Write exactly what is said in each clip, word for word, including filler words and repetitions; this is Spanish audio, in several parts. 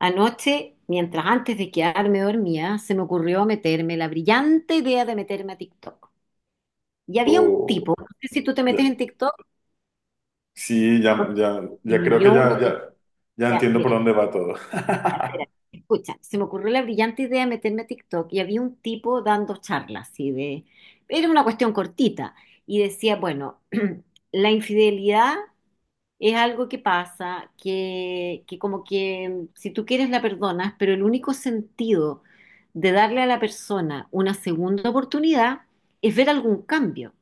Anoche, mientras antes de quedarme dormía, se me ocurrió meterme la brillante idea de meterme a TikTok. Y había un Oh, tipo, no sé si tú te metes ya- en TikTok, Sí, ya, ya, y ya me creo que dio ya, una... ya, ya ya, entiendo por mira, dónde va todo. espera, escucha, se me ocurrió la brillante idea de meterme a TikTok y había un tipo dando charlas. así de... Era una cuestión cortita y decía, bueno, la infidelidad es algo que pasa, que, que como que si tú quieres la perdonas, pero el único sentido de darle a la persona una segunda oportunidad es ver algún cambio,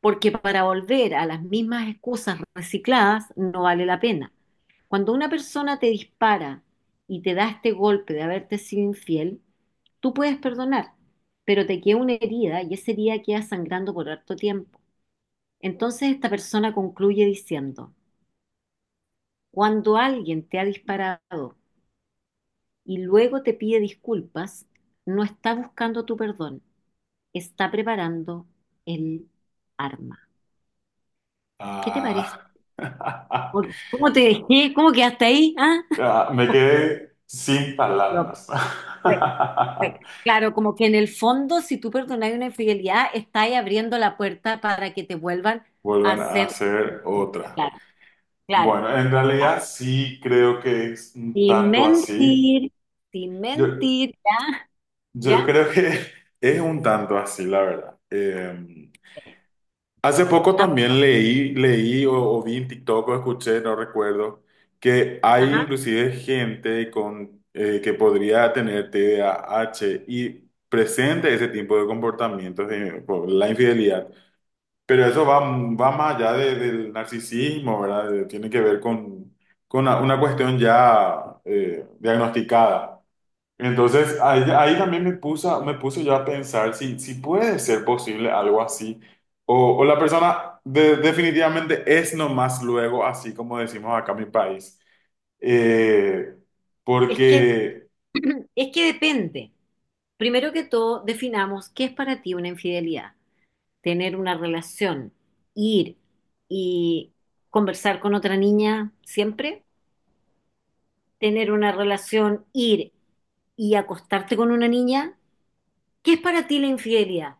porque para volver a las mismas excusas recicladas no vale la pena. Cuando una persona te dispara y te da este golpe de haberte sido infiel, tú puedes perdonar, pero te queda una herida y esa herida queda sangrando por harto tiempo. Entonces esta persona concluye diciendo, cuando alguien te ha disparado y luego te pide disculpas, no está buscando tu perdón, está preparando el arma. ¿Qué te parece? Ah, ¿Cómo cómo te dejé? ¿Cómo quedaste ahí? ¿Ah? ah, me quedé sin No, palabras. pues, pues, claro, como que en el fondo, si tú perdonas una infidelidad, está abriendo la puerta para que te vuelvan a Vuelvan a hacer lo hacer mismo. otra. Claro, claro, Bueno, en claro. realidad sí creo que es un Sin tanto así. mentir, sin Yo, mentir, yo ¿ya? creo que es un tanto así, la verdad. Eh, Hace poco Ah, también leí, leí o, o vi en TikTok o escuché, no recuerdo, que hay ajá. inclusive gente con, eh, que podría tener T D A H y presente ese tipo de comportamientos eh, por la infidelidad. Pero eso va, va más allá de- del narcisismo, ¿verdad? De- Tiene que ver con, con una, una cuestión ya eh, diagnosticada. Entonces, ahí, ahí también me puso, me puso yo a pensar si, si puede ser posible algo así, o, o la persona de- definitivamente es nomás luego, así como decimos acá en mi país. Eh, Es que porque, es que depende. Primero que todo, definamos qué es para ti una infidelidad. Tener una relación, ir y conversar con otra niña siempre. Tener una relación, ir y acostarte con una niña. ¿Qué es para ti la infidelidad?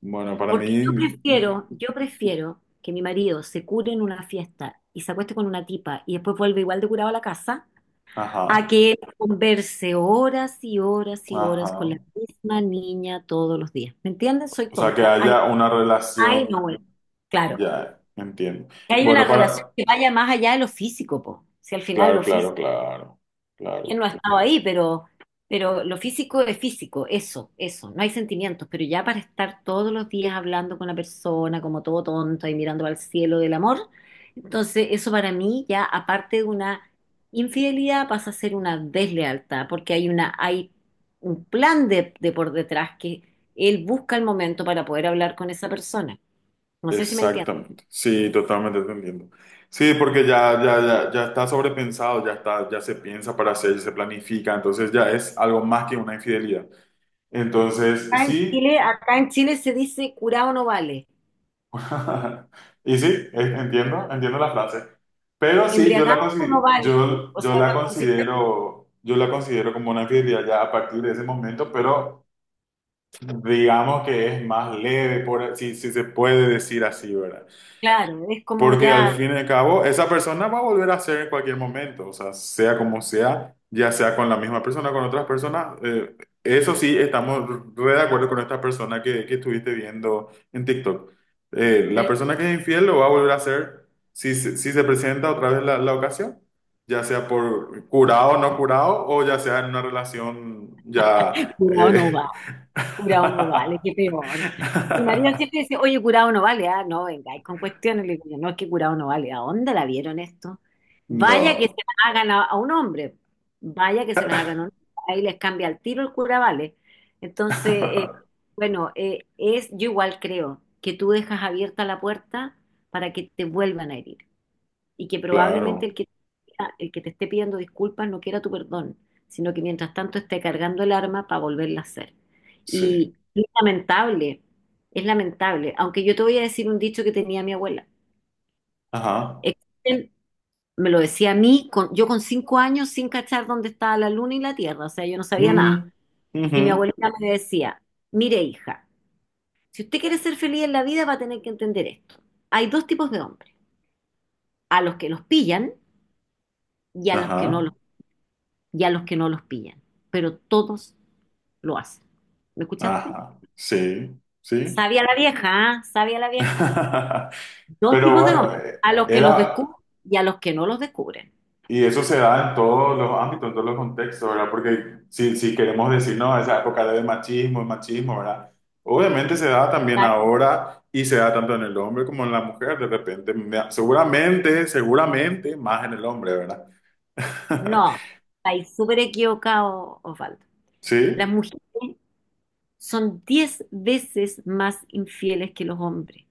bueno, para Porque yo mí, prefiero, yo prefiero que mi marido se cure en una fiesta y se acueste con una tipa y después vuelve igual de curado a la casa a ajá, que converse horas y horas y horas con la ajá. misma niña todos los días. ¿Me entiendes? Soy O sea, que tonta. Ay, haya una ay, no, bueno, relación, claro. ya, entiendo. Que hay una Bueno, relación para, que vaya más allá de lo físico, po. Si al final lo claro, claro, físico claro, ¿Quién claro. no ha estado ahí? Pero, pero lo físico es físico, eso, eso, no hay sentimientos, pero ya para estar todos los días hablando con la persona como todo tonto y mirando al cielo del amor, entonces eso para mí ya aparte de una infidelidad pasa a ser una deslealtad, porque hay una, hay un plan de, de por detrás que él busca el momento para poder hablar con esa persona. No sé si me entiendes. Exactamente, sí, totalmente entendiendo. Sí, porque ya, ya, ya, ya está sobrepensado, ya está, ya se piensa para hacer, ya se planifica, entonces ya es algo más que una infidelidad. Entonces, Acá en sí, Chile, acá en Chile se dice curado no vale, y sí, eh, entiendo, entiendo la frase. Pero sí, yo embriagado la no consi- vale. yo, O yo sea, la cuando, si considero, yo la considero como una infidelidad ya a partir de ese momento, pero digamos que es más leve, por, si, si se puede decir así, ¿verdad? claro, es como Porque al ya, fin y al cabo, esa persona va a volver a ser en cualquier momento, o sea, sea como sea, ya sea con la misma persona, con otras personas. eh, eso sí, estamos re de acuerdo con esta persona que, que estuviste viendo en TikTok. Eh, la eh, persona que es infiel lo va a volver a hacer si, se- si se presenta otra vez la, la ocasión, ya sea por curado o no curado, o ya sea en una relación ya... curado no eh, va, curado no vale, qué peor. Mi marido siempre dice, oye, curado no vale, ah, no, venga, y con cuestiones, le digo, yo, no, es que curado no vale, ¿a dónde la vieron esto? Vaya que se No. las hagan a, a un hombre, vaya que se las hagan a un hombre, ahí les cambia el tiro el cura vale. Entonces, eh, bueno, eh, es, yo igual creo que tú dejas abierta la puerta para que te vuelvan a herir, y que probablemente el Claro, que, el que te esté pidiendo disculpas no quiera tu perdón, sino que mientras tanto esté cargando el arma para volverla a hacer. sí. Y es lamentable, es lamentable, aunque yo te voy a decir un dicho que tenía mi abuela. Ajá. Existen- me lo decía a mí, con- yo con cinco años sin cachar dónde estaba la luna y la tierra, o sea, yo no sabía Mm, nada. Y mi ujú. abuelita me decía, mire hija, si usted quiere ser feliz en la vida va a tener que entender esto. Hay dos tipos de hombres, a los que los pillan y a los que no Ajá. los y a los que no los pillan, pero todos lo hacen. ¿Me escuchaste? Ajá. Sí, sí. Sabia la vieja, ¿ah? Sabia la vieja. Dos Pero tipos de bueno, hombres, eh, a los que los era, descubren y a los que no los descubren. y eso se da en todos los ámbitos, en todos los contextos, ¿verdad? Porque si, si queremos decir, no, esa época era de machismo, el machismo, ¿verdad? Obviamente se da también Claro, ahora y se da tanto en el hombre como en la mujer, de repente, Me- seguramente, seguramente más en el hombre, ¿verdad? no, estáis súper equivocado, Osvaldo. Las Sí, mujeres son diez veces más infieles que los hombres,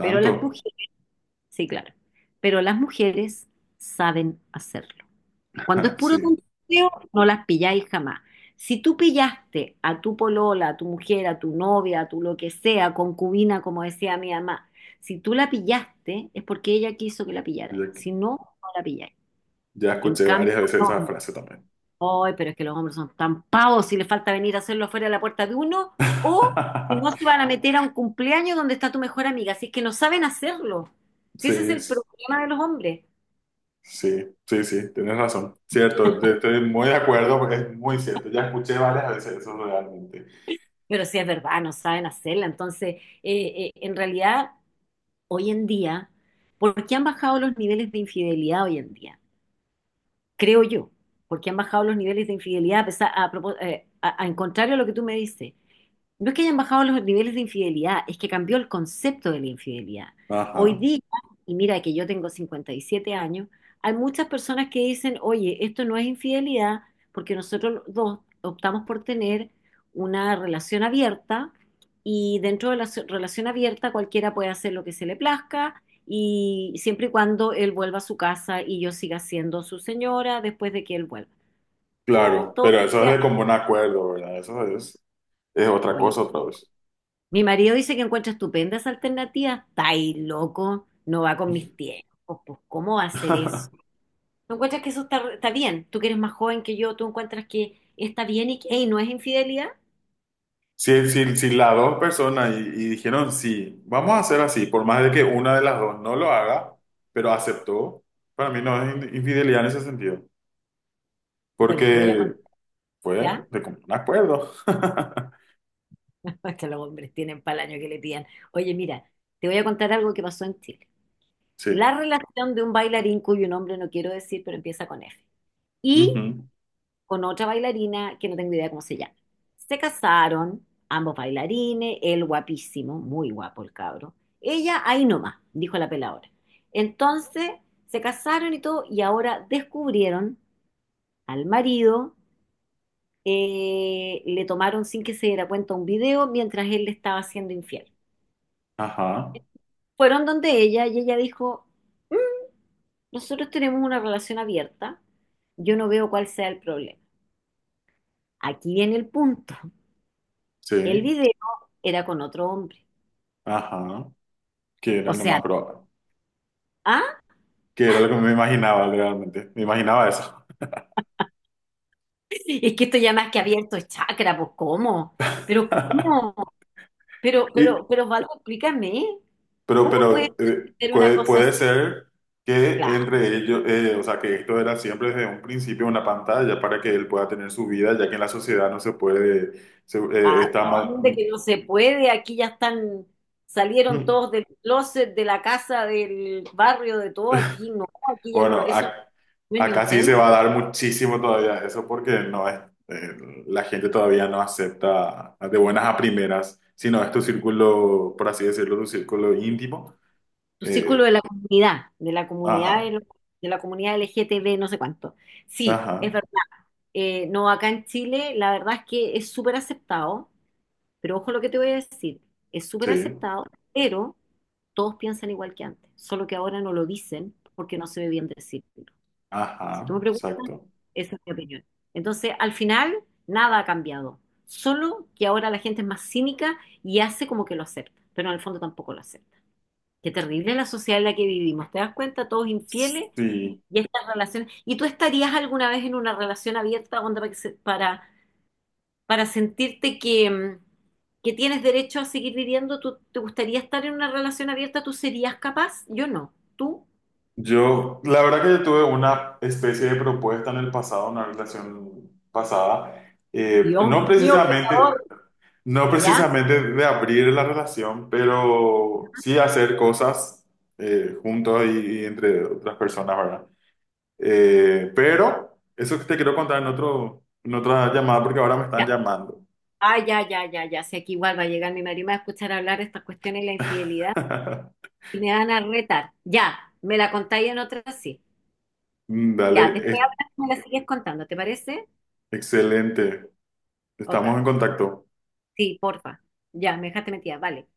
pero las mujeres, sí, claro, pero las mujeres saben hacerlo. Cuando es puro Sí. tonteo, no las pilláis jamás. Si tú pillaste a tu polola, a tu mujer, a tu novia, a tu lo que sea, concubina, como decía mi mamá, si tú la pillaste, es porque ella quiso que la pillarais. Si no, no la pilláis. Ya En escuché cambio, varias veces los esa hombres, frase también. "Ay, pero es que los hombres son tan pavos, si les falta venir a hacerlo fuera de la puerta de uno, o si no se van a meter a un cumpleaños donde está tu mejor amiga, si es que no saben hacerlo. Si ese es Sí, el sí, problema de los hombres, sí, sí, tienes razón. Cierto, te- estoy muy de acuerdo, es muy cierto. Ya escuché varias veces eso realmente. pero sí es verdad, no saben hacerla. Entonces, eh, eh, en realidad, hoy en día, ¿por qué han bajado los niveles de infidelidad hoy en día? Creo yo. ¿Por qué han bajado los niveles de infidelidad? A pesar- a, propós- eh, a- a- en contrario a lo que tú me dices, no es que hayan bajado los niveles de infidelidad, es que cambió el concepto de la infidelidad. Hoy Ajá, día, y mira que yo tengo cincuenta y siete años, hay muchas personas que dicen, oye, esto no es infidelidad porque nosotros los dos optamos por tener una relación abierta y dentro de la so- relación abierta cualquiera puede hacer lo que se le plazca y siempre y cuando él vuelva a su casa y yo siga siendo su señora después de que él vuelva. No, claro, todo... pero eso es de común acuerdo, ¿verdad? Eso es, es otra cosa otra vez. mi marido dice que encuentra estupendas alternativas. Está ahí, loco, no va con mis tiempos. Pues, ¿cómo va a ser eso? ¿Tú encuentras que eso está, está bien? Tú que eres más joven que yo, ¿tú encuentras que está bien y que "Ey, no es infidelidad? Si, si, si las dos personas y, y dijeron, sí, vamos a hacer así, por más de que una de las dos no lo haga, pero aceptó, para mí no es in- infidelidad en ese sentido. Bueno, te voy a Porque contar, fue ¿ya? de común acuerdo. Es que los hombres tienen para el año que le pidan. Oye, mira, te voy a contar algo que pasó en Chile. Sí. La relación de un bailarín cuyo nombre no quiero decir, pero empieza con F. Y Ujú. con otra bailarina que no tengo idea cómo se llama. Se casaron, ambos bailarines, él guapísimo, muy guapo el cabro. Ella ahí nomás, dijo la peladora. Entonces se casaron y todo, y ahora descubrieron al marido, eh, le tomaron sin que se diera cuenta un video mientras él le estaba siendo infiel. Ajá. Fueron donde ella y ella dijo, nosotros tenemos una relación abierta, yo no veo cuál sea el problema. Aquí viene el punto. El Sí. video era con otro hombre. Ajá. Que era O lo sea, más probable. ¿ah? Que era lo que me imaginaba realmente. Me imaginaba eso. Es que esto ya más que abierto es chakra, pues ¿cómo? Pero ¿cómo? Pero, Y, pero, pero Osvaldo, explícame, pero, ¿cómo puedes pero eh, hacer una puede, cosa así? puede ser que Claro, entre ellos, eh, o sea, que esto era siempre desde un principio una pantalla para que él pueda tener su vida, ya que en la sociedad no se puede, se- eh, ¿a está dónde mal. que no se puede? Aquí ya están, salieron Mm, todos del closet, de la casa, del barrio, de todo, aquí no, aquí ya no, bueno, eso ac- no es ni un acá sí se tema. va a dar muchísimo todavía eso porque no es, eh, la gente todavía no acepta de buenas a primeras, sino no es tu círculo, por así decirlo, tu círculo íntimo. Tu círculo de Eh, la comunidad, de la comunidad, de, ajá, lo- de la comunidad L G T B, no sé cuánto. Sí, es ajá, verdad. Eh, no, acá en Chile la verdad es que es súper aceptado. Pero ojo lo que te voy a decir, es súper sí, aceptado, pero todos piensan igual que antes, solo que ahora no lo dicen porque no se ve bien decirlo. Si tú me ajá, preguntas, exacto. esa es mi opinión. Entonces, al final, nada ha cambiado, solo que ahora la gente es más cínica y hace como que lo acepta, pero en el fondo tampoco lo acepta. Qué terrible la sociedad en la que vivimos, ¿te das cuenta? Todos infieles Sí, y estas relaciones. ¿Y tú estarías alguna vez en una relación abierta onda, para que se- para para sentirte que, mm, que tienes derecho a seguir viviendo? ¿Tú te gustaría estar en una relación abierta? ¿Tú serías capaz? Yo no. ¿Tú? yo, la verdad que yo tuve una especie de propuesta en el pasado, una relación pasada, eh, Dios no mío, precisamente pecador. No ¿Ya? precisamente de abrir la relación, pero sí hacer cosas eh, juntos y, y entre otras personas, ¿verdad? Eh, pero eso que te quiero contar en otro, en otra llamada porque ahora me están Ya. llamando. Ah, ya, ya, ya, ya. Sé que igual va a llegar mi marido y me va a escuchar hablar de estas cuestiones de la infidelidad y me van a retar. Ya, me la contáis en otra sí. Mm, dale, Ya, después es- hablas y me la sigues contando, ¿te parece? excelente. Ok. Estamos en contacto. Sí, porfa. Ya, me dejaste metida. Vale.